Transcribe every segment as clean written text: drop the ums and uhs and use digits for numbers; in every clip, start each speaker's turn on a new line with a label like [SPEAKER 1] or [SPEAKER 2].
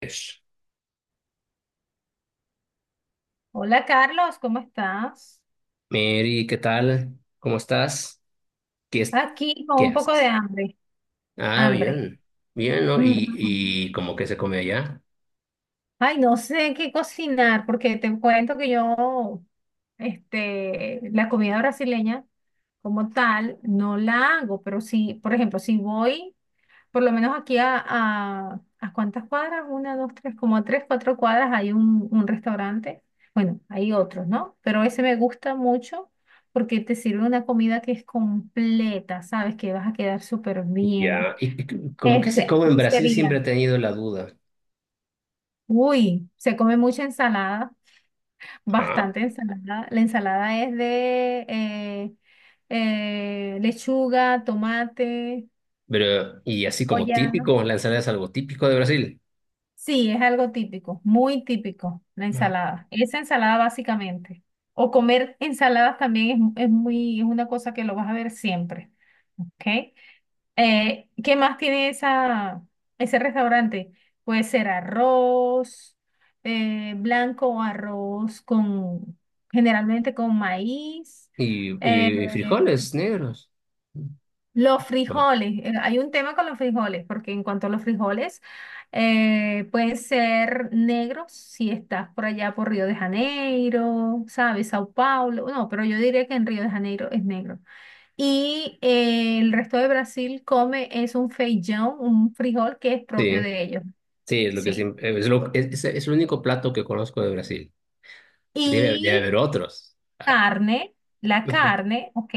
[SPEAKER 1] Ish.
[SPEAKER 2] Hola Carlos, ¿cómo estás?
[SPEAKER 1] Mary, ¿qué tal? ¿Cómo estás? ¿Qué es-
[SPEAKER 2] Aquí con
[SPEAKER 1] ¿Qué
[SPEAKER 2] un poco de
[SPEAKER 1] haces?
[SPEAKER 2] hambre,
[SPEAKER 1] Ah,
[SPEAKER 2] hambre.
[SPEAKER 1] bien, bien, ¿no? ¿Y,
[SPEAKER 2] Ujú.
[SPEAKER 1] y cómo que se come allá?
[SPEAKER 2] Ay, no sé qué cocinar, porque te cuento que yo, la comida brasileña como tal, no la hago, pero sí, por ejemplo, si voy, por lo menos aquí ¿a cuántas cuadras? Una, dos, tres, como a tres, cuatro cuadras hay un restaurante. Bueno, hay otros, ¿no? Pero ese me gusta mucho porque te sirve una comida que es completa, ¿sabes? Que vas a quedar súper bien.
[SPEAKER 1] Ya, ¿y cómo que se
[SPEAKER 2] Este,
[SPEAKER 1] come en Brasil? Siempre he
[SPEAKER 2] sería.
[SPEAKER 1] tenido la duda.
[SPEAKER 2] Uy, se come mucha ensalada.
[SPEAKER 1] Ah,
[SPEAKER 2] Bastante ensalada. La ensalada es de lechuga, tomate,
[SPEAKER 1] pero, ¿y así como
[SPEAKER 2] olla.
[SPEAKER 1] típico? ¿La ensalada es algo típico de Brasil?
[SPEAKER 2] Sí, es algo típico, muy típico, la
[SPEAKER 1] Ah.
[SPEAKER 2] ensalada. Esa ensalada básicamente. O comer ensaladas también es muy, es una cosa que lo vas a ver siempre, ¿ok? ¿Qué más tiene ese restaurante? Puede ser arroz blanco o arroz con, generalmente con maíz.
[SPEAKER 1] ¿Y,
[SPEAKER 2] eh,
[SPEAKER 1] y frijoles negros?
[SPEAKER 2] los
[SPEAKER 1] Bueno,
[SPEAKER 2] frijoles, hay un tema con los frijoles, porque en cuanto a los frijoles, pueden ser negros si estás por allá por Río de Janeiro, ¿sabes? Sao Paulo, no, pero yo diría que en Río de Janeiro es negro. Y el resto de Brasil come es un feijão, un frijol que es propio
[SPEAKER 1] sí,
[SPEAKER 2] de ellos,
[SPEAKER 1] sí, es lo que
[SPEAKER 2] sí.
[SPEAKER 1] siempre, es lo, es el único plato que conozco de Brasil. Debe
[SPEAKER 2] Y
[SPEAKER 1] haber otros. Ah,
[SPEAKER 2] carne, la
[SPEAKER 1] ujú.
[SPEAKER 2] carne, ¿ok?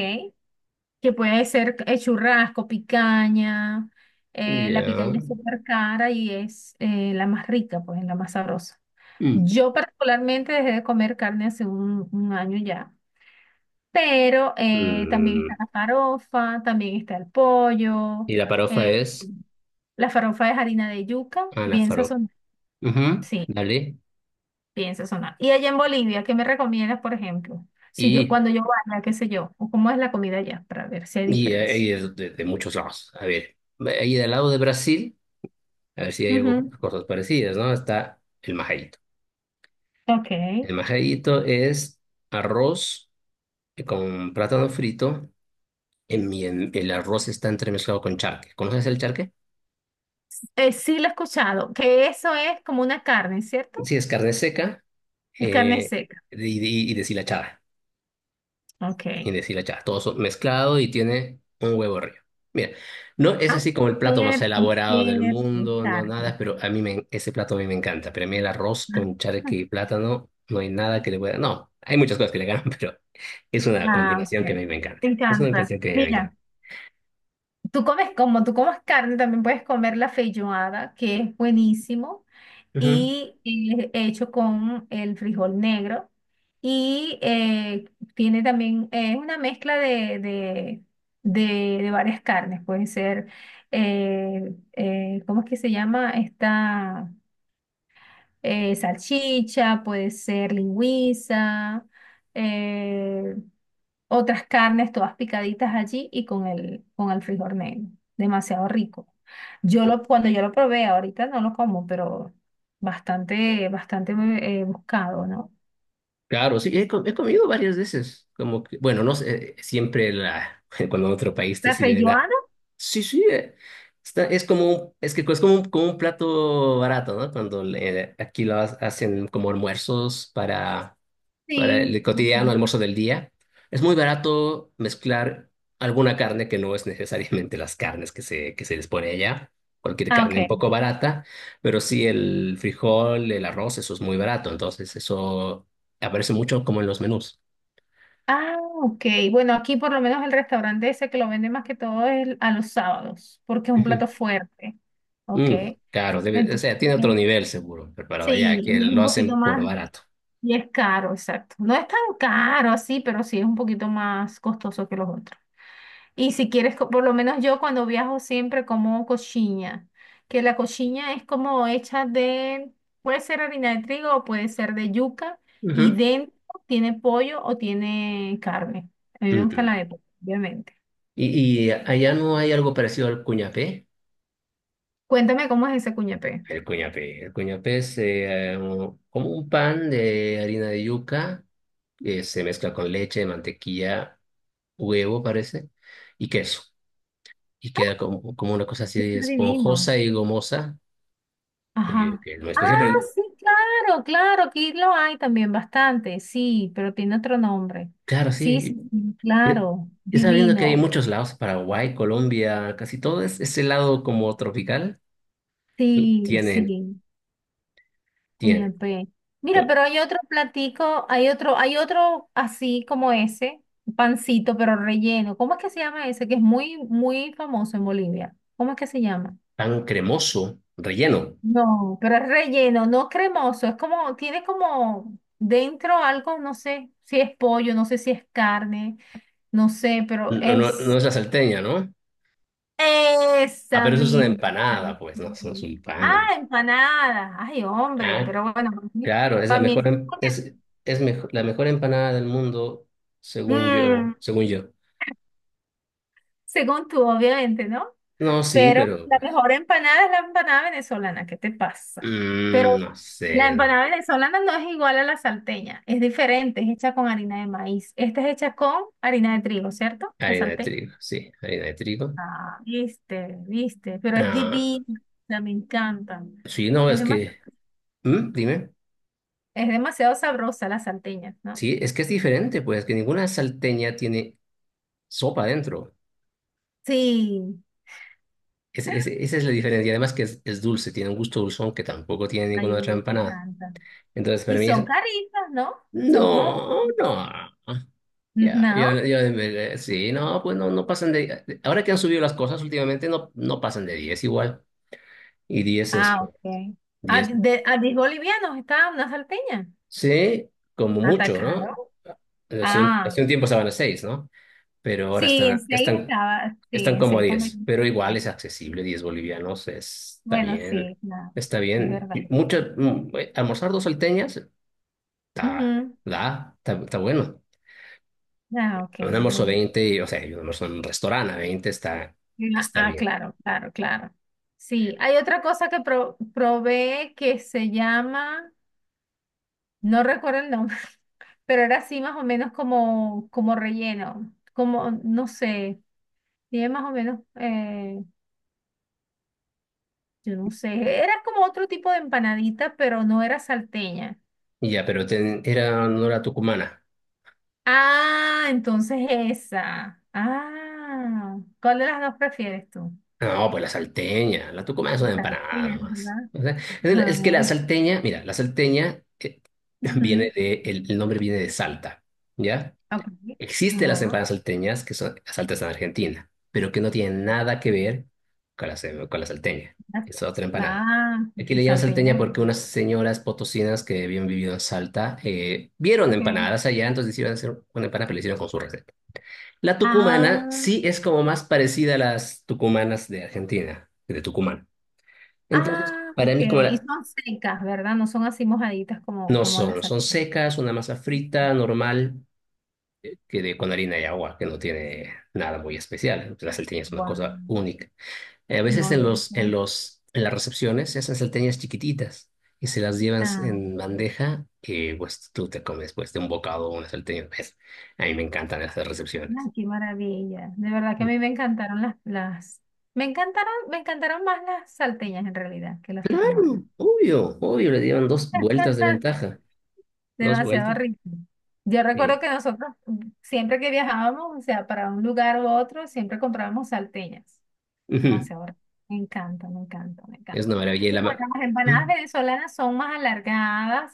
[SPEAKER 2] Que puede ser churrasco, picaña. La
[SPEAKER 1] Ya.
[SPEAKER 2] picaña es súper cara y es la más rica, pues, la más sabrosa.
[SPEAKER 1] Mm.
[SPEAKER 2] Yo particularmente dejé de comer carne hace un año ya. Pero también
[SPEAKER 1] Mm.
[SPEAKER 2] está la farofa, también está el pollo.
[SPEAKER 1] Y la farofa
[SPEAKER 2] eh,
[SPEAKER 1] es.
[SPEAKER 2] la farofa es harina de yuca,
[SPEAKER 1] Ah, la
[SPEAKER 2] bien
[SPEAKER 1] farofa.
[SPEAKER 2] sazonada.
[SPEAKER 1] Ujú,
[SPEAKER 2] Sí,
[SPEAKER 1] dale.
[SPEAKER 2] bien sazonada. Y allá en Bolivia, ¿qué me recomiendas, por ejemplo? Si yo,
[SPEAKER 1] Y,
[SPEAKER 2] cuando yo vaya, qué sé yo, o cómo es la comida allá, para ver si hay
[SPEAKER 1] y hay
[SPEAKER 2] diferencia.
[SPEAKER 1] de muchos lados. A ver, ahí del lado de Brasil, a ver si hay algo,
[SPEAKER 2] Ujú.
[SPEAKER 1] cosas parecidas, ¿no? Está el majaíto.
[SPEAKER 2] Ok.
[SPEAKER 1] El majaíto es arroz con plátano frito. El arroz está entremezclado con charque. ¿Conoces el charque?
[SPEAKER 2] Sí, lo he escuchado, que eso es como una carne, ¿cierto?
[SPEAKER 1] Sí, es carne seca
[SPEAKER 2] Es carne
[SPEAKER 1] eh,
[SPEAKER 2] seca.
[SPEAKER 1] y, y deshilachada. Y
[SPEAKER 2] Ok.
[SPEAKER 1] decirle, ya, todo mezclado y tiene un huevo arriba. Mira, no es
[SPEAKER 2] Ah,
[SPEAKER 1] así como el plato más
[SPEAKER 2] cierto,
[SPEAKER 1] elaborado del
[SPEAKER 2] cierto,
[SPEAKER 1] mundo, no
[SPEAKER 2] carne.
[SPEAKER 1] nada, pero ese plato a mí me encanta. Pero a mí el arroz con charque y plátano, no hay nada que le pueda. No, hay muchas cosas que le ganan, pero es una
[SPEAKER 2] Ah, ok.
[SPEAKER 1] combinación que a
[SPEAKER 2] Me
[SPEAKER 1] mí me encanta. Es una
[SPEAKER 2] encanta.
[SPEAKER 1] combinación que a mí me encanta.
[SPEAKER 2] Mira, tú comes carne, también puedes comer la feijoada, que es buenísimo,
[SPEAKER 1] Ujú.
[SPEAKER 2] y hecho con el frijol negro. Y tiene también, es una mezcla de varias carnes. Pueden ser, ¿cómo es que se llama esta? Salchicha, puede ser lingüiza, eh, otras carnes todas picaditas allí y con con el frijol negro. Demasiado rico. Cuando yo lo probé, ahorita no lo como, pero bastante, bastante buscado, ¿no?
[SPEAKER 1] Claro, sí, he comido varias veces. Como que, bueno, no sé, siempre la, cuando en otro país te
[SPEAKER 2] ¿La
[SPEAKER 1] sirven nada.
[SPEAKER 2] feijoada?
[SPEAKER 1] Sí, sí, está, es como, es que es como como un plato barato, ¿no? Cuando aquí lo hacen como almuerzos para
[SPEAKER 2] Sí.
[SPEAKER 1] el cotidiano
[SPEAKER 2] Ajá.
[SPEAKER 1] almuerzo del día. Es muy barato mezclar alguna carne que no es necesariamente las carnes que se les pone allá. Cualquier
[SPEAKER 2] Ah,
[SPEAKER 1] carne un
[SPEAKER 2] ok.
[SPEAKER 1] poco barata, pero sí el frijol, el arroz, eso es muy barato. Entonces, eso aparece mucho como en los menús.
[SPEAKER 2] Ah, ok. Bueno, aquí por lo menos el restaurante ese que lo vende más que todo es a los sábados, porque es un
[SPEAKER 1] Ujú.
[SPEAKER 2] plato fuerte. Ok.
[SPEAKER 1] Mm, claro, o
[SPEAKER 2] Entonces,
[SPEAKER 1] sea, tiene otro nivel seguro preparado
[SPEAKER 2] sí,
[SPEAKER 1] allá, que
[SPEAKER 2] y es
[SPEAKER 1] lo
[SPEAKER 2] un poquito
[SPEAKER 1] hacen por
[SPEAKER 2] más,
[SPEAKER 1] barato.
[SPEAKER 2] y es caro, exacto. No es tan caro así, pero sí es un poquito más costoso que los otros. Y si quieres, por lo menos yo cuando viajo siempre como coxinha, que la coxinha es como hecha de, puede ser harina de trigo o puede ser de yuca, y
[SPEAKER 1] Ujú.
[SPEAKER 2] dentro tiene pollo o tiene carne. A mí me
[SPEAKER 1] Mm,
[SPEAKER 2] gusta la
[SPEAKER 1] mm.
[SPEAKER 2] de pollo, obviamente.
[SPEAKER 1] ¿Y allá no hay algo parecido al cuñapé?
[SPEAKER 2] Cuéntame cómo es ese cuñapé.
[SPEAKER 1] El cuñapé. El cuñapé es como un pan de harina de yuca que se mezcla con leche, mantequilla, huevo, parece, y queso. Y queda como una cosa
[SPEAKER 2] Debe
[SPEAKER 1] así
[SPEAKER 2] ser divino.
[SPEAKER 1] esponjosa y gomosa,
[SPEAKER 2] Ajá.
[SPEAKER 1] que es muy
[SPEAKER 2] Ah,
[SPEAKER 1] especial, pero
[SPEAKER 2] sí, claro, claro, aquí lo hay también bastante, sí, pero tiene otro nombre.
[SPEAKER 1] claro,
[SPEAKER 2] Sí, sí,
[SPEAKER 1] sí.
[SPEAKER 2] sí,
[SPEAKER 1] eh,
[SPEAKER 2] claro,
[SPEAKER 1] Y sabiendo que hay
[SPEAKER 2] divino.
[SPEAKER 1] muchos lados, Paraguay, Colombia, casi todo es ese lado como tropical,
[SPEAKER 2] Sí,
[SPEAKER 1] tiene,
[SPEAKER 2] sí,
[SPEAKER 1] tiene
[SPEAKER 2] cuñapé. Mira,
[SPEAKER 1] eh,
[SPEAKER 2] pero hay otro platico, hay otro así como ese, pancito, pero relleno. ¿Cómo es que se llama ese? Que es muy, muy famoso en Bolivia. ¿Cómo es que se llama?
[SPEAKER 1] pan cremoso, relleno.
[SPEAKER 2] No, pero es relleno, no cremoso, es como, tiene como dentro algo, no sé si es pollo, no sé si es carne. No sé, pero
[SPEAKER 1] No, no, no
[SPEAKER 2] es
[SPEAKER 1] es la salteña, ¿no? Ah,
[SPEAKER 2] esa
[SPEAKER 1] pero eso es una
[SPEAKER 2] misma.
[SPEAKER 1] empanada, pues, no, eso no es
[SPEAKER 2] Salchicha.
[SPEAKER 1] un
[SPEAKER 2] Ah,
[SPEAKER 1] pan.
[SPEAKER 2] empanada. Ay, hombre,
[SPEAKER 1] Ah,
[SPEAKER 2] pero bueno,
[SPEAKER 1] claro, es la
[SPEAKER 2] para mí
[SPEAKER 1] mejor,
[SPEAKER 2] es.
[SPEAKER 1] la mejor empanada del mundo, según yo,
[SPEAKER 2] Mm,
[SPEAKER 1] según yo.
[SPEAKER 2] según tú, obviamente, ¿no?
[SPEAKER 1] No, sí,
[SPEAKER 2] Pero
[SPEAKER 1] pero
[SPEAKER 2] la
[SPEAKER 1] pues,
[SPEAKER 2] mejor empanada es la empanada venezolana, ¿qué te pasa? Pero
[SPEAKER 1] no
[SPEAKER 2] la
[SPEAKER 1] sé, no.
[SPEAKER 2] empanada venezolana no es igual a la salteña, es diferente, es hecha con harina de maíz. Esta es hecha con harina de trigo, ¿cierto? La
[SPEAKER 1] Harina de
[SPEAKER 2] salteña.
[SPEAKER 1] trigo, sí, harina de trigo.
[SPEAKER 2] Ah, viste, viste, pero es
[SPEAKER 1] Ah,
[SPEAKER 2] divina, me encanta.
[SPEAKER 1] sí, no,
[SPEAKER 2] Es
[SPEAKER 1] es
[SPEAKER 2] demasiado.
[SPEAKER 1] que. ¿Mm? Dime,
[SPEAKER 2] Es demasiado sabrosa la salteña, ¿no?
[SPEAKER 1] sí, es que es diferente, pues, que ninguna salteña tiene sopa dentro.
[SPEAKER 2] Sí,
[SPEAKER 1] Esa es la diferencia, y además que es dulce, tiene un gusto dulzón que tampoco tiene
[SPEAKER 2] ay,
[SPEAKER 1] ninguna
[SPEAKER 2] a mí
[SPEAKER 1] otra
[SPEAKER 2] me
[SPEAKER 1] empanada.
[SPEAKER 2] encanta.
[SPEAKER 1] Entonces, para
[SPEAKER 2] Y
[SPEAKER 1] mí.
[SPEAKER 2] son caritas, ¿no? Son como...
[SPEAKER 1] No, no. Ya,
[SPEAKER 2] No.
[SPEAKER 1] sí, no, pues no, no pasan de. Ahora que han subido las cosas últimamente, no, no pasan de 10 igual. Y 10 es
[SPEAKER 2] Ah, ok. ¿A
[SPEAKER 1] 10.
[SPEAKER 2] de, a 10 bolivianos estaba una salteña?
[SPEAKER 1] Sí, como mucho, ¿no?
[SPEAKER 2] ¿Atacaron?
[SPEAKER 1] Hace un,
[SPEAKER 2] Ah,
[SPEAKER 1] hace un tiempo estaban a 6, ¿no? Pero ahora
[SPEAKER 2] sí, en
[SPEAKER 1] están,
[SPEAKER 2] 6
[SPEAKER 1] están,
[SPEAKER 2] estaba, sí,
[SPEAKER 1] están
[SPEAKER 2] en
[SPEAKER 1] como a
[SPEAKER 2] 6 con
[SPEAKER 1] 10, pero igual
[SPEAKER 2] 23.
[SPEAKER 1] es accesible, 10 bolivianos, está
[SPEAKER 2] Bueno,
[SPEAKER 1] bien.
[SPEAKER 2] sí, claro,
[SPEAKER 1] Está
[SPEAKER 2] es
[SPEAKER 1] bien.
[SPEAKER 2] verdad.
[SPEAKER 1] Y mucho, almorzar dos salteñas, está,
[SPEAKER 2] Ujú.
[SPEAKER 1] está bueno.
[SPEAKER 2] Ah,
[SPEAKER 1] Un
[SPEAKER 2] ok,
[SPEAKER 1] almuerzo
[SPEAKER 2] bueno.
[SPEAKER 1] 20, o sea, y un almuerzo en un restaurante a 20 está,
[SPEAKER 2] Ah,
[SPEAKER 1] está
[SPEAKER 2] ah,
[SPEAKER 1] bien.
[SPEAKER 2] claro, claro, claro. Sí, hay otra cosa que probé que se llama... No recuerdo el nombre, pero era así más o menos como, como relleno, como, no sé, tiene más o menos, yo no sé, era como otro tipo de empanadita, pero no era salteña.
[SPEAKER 1] Y ya, pero no era tucumana.
[SPEAKER 2] Ah, entonces esa. Ah, ¿cuál de las dos prefieres tú?
[SPEAKER 1] No, pues la salteña. La tucumana es una empanada
[SPEAKER 2] Salteña,
[SPEAKER 1] nomás.
[SPEAKER 2] ¿verdad?
[SPEAKER 1] O sea, es que la
[SPEAKER 2] Ajá.
[SPEAKER 1] salteña, mira, la salteña viene
[SPEAKER 2] Ujú,
[SPEAKER 1] de, el, el nombre viene de Salta, ¿ya?
[SPEAKER 2] ok.
[SPEAKER 1] Existen las
[SPEAKER 2] Ajá.
[SPEAKER 1] empanadas salteñas, que son las salteñas en Argentina, pero que no tienen nada que ver con la, con la salteña. Es otra empanada.
[SPEAKER 2] Ah,
[SPEAKER 1] Aquí le llaman
[SPEAKER 2] salteña.
[SPEAKER 1] salteña porque unas señoras potosinas que habían vivido en Salta vieron
[SPEAKER 2] Okay.
[SPEAKER 1] empanadas allá, entonces decidieron hacer una empanada, pero la hicieron con su receta. La tucumana
[SPEAKER 2] Ah.
[SPEAKER 1] sí es como más parecida a las tucumanas de Argentina, de Tucumán. Entonces,
[SPEAKER 2] Ah,
[SPEAKER 1] para
[SPEAKER 2] ok.
[SPEAKER 1] mí, como
[SPEAKER 2] Y
[SPEAKER 1] la-.
[SPEAKER 2] son secas, ¿verdad? No son así mojaditas como,
[SPEAKER 1] No
[SPEAKER 2] como
[SPEAKER 1] son,
[SPEAKER 2] las
[SPEAKER 1] son
[SPEAKER 2] sartenes.
[SPEAKER 1] secas, una masa frita, normal. Que con harina y agua, que no tiene nada muy especial. La salteña es una cosa
[SPEAKER 2] Guau.
[SPEAKER 1] única. A veces
[SPEAKER 2] No,
[SPEAKER 1] en
[SPEAKER 2] yo
[SPEAKER 1] los, en
[SPEAKER 2] prefiero-.
[SPEAKER 1] los, en las recepciones se hacen salteñas chiquititas y se las llevan
[SPEAKER 2] Ah,
[SPEAKER 1] en bandeja y pues tú te comes pues de un bocado una salteña. Pues, a mí me encantan esas recepciones.
[SPEAKER 2] ah, qué maravilla. De verdad que a mí me encantaron las... me encantaron más las salteñas en realidad que las tucumanas.
[SPEAKER 1] Claro, obvio, obvio, le dieron dos vueltas de ventaja. Dos
[SPEAKER 2] Demasiado
[SPEAKER 1] vueltas.
[SPEAKER 2] rico. Yo recuerdo
[SPEAKER 1] Sí.
[SPEAKER 2] que nosotros mm, siempre que viajábamos, o sea, para un lugar u otro, siempre comprábamos salteñas.
[SPEAKER 1] Ujú.
[SPEAKER 2] Demasiado rico. Me encanta, me encanta, me
[SPEAKER 1] Es
[SPEAKER 2] encanta.
[SPEAKER 1] una maravilla. Y
[SPEAKER 2] Y
[SPEAKER 1] la ma-.
[SPEAKER 2] bueno, las empanadas
[SPEAKER 1] ¿Mm?
[SPEAKER 2] venezolanas son más alargadas,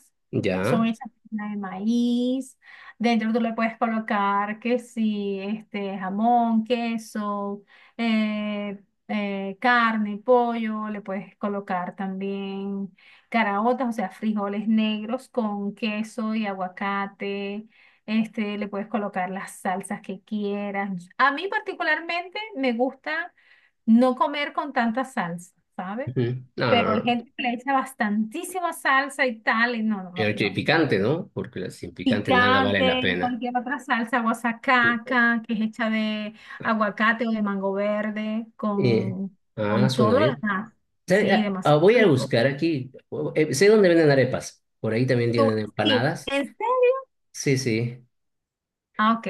[SPEAKER 2] son
[SPEAKER 1] Ya.
[SPEAKER 2] hechas con harina de maíz. Dentro tú le puedes colocar que sí, este, jamón, queso, carne, pollo, le puedes colocar también caraotas, o sea, frijoles negros con queso y aguacate. Este, le puedes colocar las salsas que quieras. A mí particularmente me gusta no comer con tanta salsa, ¿sabes?
[SPEAKER 1] Ujú. No,
[SPEAKER 2] Pero
[SPEAKER 1] no,
[SPEAKER 2] hay
[SPEAKER 1] no.
[SPEAKER 2] gente que le echa bastantísima salsa y tal, y no, no, no,
[SPEAKER 1] Pero
[SPEAKER 2] yo no.
[SPEAKER 1] picante, ¿no? Porque sin picante nada vale la
[SPEAKER 2] Picante y
[SPEAKER 1] pena.
[SPEAKER 2] cualquier otra salsa, guasacaca, que es hecha de aguacate o de mango verde,
[SPEAKER 1] Eh, ah,
[SPEAKER 2] con todo
[SPEAKER 1] suena
[SPEAKER 2] lo
[SPEAKER 1] bien.
[SPEAKER 2] demás.
[SPEAKER 1] ¿Sabe?
[SPEAKER 2] Sí,
[SPEAKER 1] Ah, ah,
[SPEAKER 2] demasiado
[SPEAKER 1] voy a
[SPEAKER 2] rico.
[SPEAKER 1] buscar aquí. Sé dónde venden arepas. Por ahí también
[SPEAKER 2] Tú,
[SPEAKER 1] tienen
[SPEAKER 2] sí,
[SPEAKER 1] empanadas.
[SPEAKER 2] ¿en serio?
[SPEAKER 1] Sí, sí.
[SPEAKER 2] Ah, ok.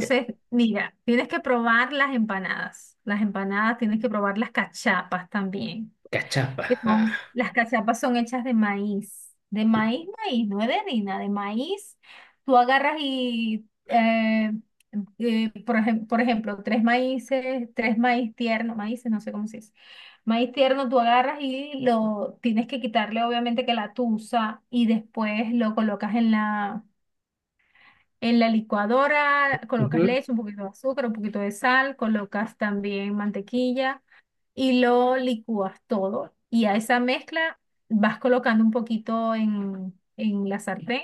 [SPEAKER 1] Eh,
[SPEAKER 2] mira, tienes que probar las empanadas. Las empanadas, tienes que probar las cachapas también.
[SPEAKER 1] Cachapa.
[SPEAKER 2] Que
[SPEAKER 1] Ah.
[SPEAKER 2] son-, las cachapas son hechas de maíz, maíz, no es de harina, de maíz. Tú agarras y, por ejemplo, tres maíces, tres maíz tierno, maíces, no sé cómo se dice. Maíz tierno, tú agarras y lo tienes que quitarle, obviamente, que la tusa y después lo colocas en en la licuadora, colocas
[SPEAKER 1] Ujú.
[SPEAKER 2] leche, un poquito de azúcar, un poquito de sal, colocas también mantequilla y lo licúas todo. Y a esa mezcla vas colocando un poquito en la sartén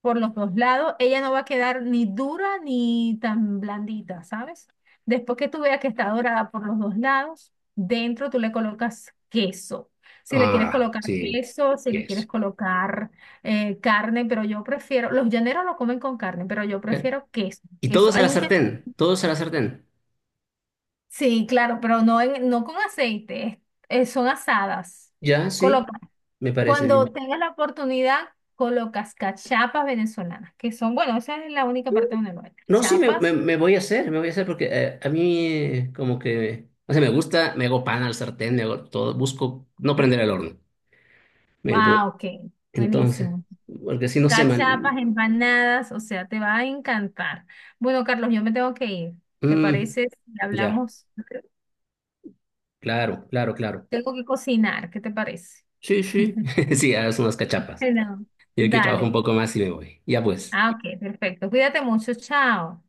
[SPEAKER 2] por los dos lados. Ella no va a quedar ni dura ni tan blandita, ¿sabes? Después que tú veas que está dorada por los dos lados, dentro tú le colocas queso. Si le quieres
[SPEAKER 1] Ah,
[SPEAKER 2] colocar
[SPEAKER 1] sí.
[SPEAKER 2] queso, si
[SPEAKER 1] ¿Qué
[SPEAKER 2] le quieres
[SPEAKER 1] es?
[SPEAKER 2] colocar carne, pero yo prefiero, los llaneros lo comen con carne, pero yo
[SPEAKER 1] Eh,
[SPEAKER 2] prefiero queso.
[SPEAKER 1] Y
[SPEAKER 2] Queso.
[SPEAKER 1] todos a
[SPEAKER 2] Hay
[SPEAKER 1] la
[SPEAKER 2] un queso.
[SPEAKER 1] sartén. Todos a la sartén.
[SPEAKER 2] Sí, claro, pero no, en, no con aceite, es-, son asadas.
[SPEAKER 1] Ya, sí.
[SPEAKER 2] Coloca,
[SPEAKER 1] Me parece
[SPEAKER 2] cuando
[SPEAKER 1] bien.
[SPEAKER 2] tengas la oportunidad, colocas cachapas venezolanas, que son, bueno, esa es la única parte donde lo hay
[SPEAKER 1] No, sí, me, me,
[SPEAKER 2] cachapas.
[SPEAKER 1] me voy a hacer porque a mí como que, o sea, me gusta, me hago pan al sartén, me hago todo, busco no
[SPEAKER 2] Ah,
[SPEAKER 1] prender el horno, el bro.
[SPEAKER 2] ah, ok,
[SPEAKER 1] Entonces,
[SPEAKER 2] buenísimo.
[SPEAKER 1] porque si no se, man.
[SPEAKER 2] Cachapas, empanadas, o sea, te va a encantar. Bueno, Carlos, yo me tengo que ir. ¿Te
[SPEAKER 1] Mm,
[SPEAKER 2] parece si
[SPEAKER 1] ya,
[SPEAKER 2] hablamos?
[SPEAKER 1] claro, claro, claro.
[SPEAKER 2] Tengo que cocinar, ¿qué te parece?
[SPEAKER 1] Sí, sí, sí, haz unas cachapas.
[SPEAKER 2] Bueno.
[SPEAKER 1] Yo aquí trabajo un
[SPEAKER 2] Dale.
[SPEAKER 1] poco más y me voy. Ya pues.
[SPEAKER 2] Ah, ok, perfecto. Cuídate mucho, chao.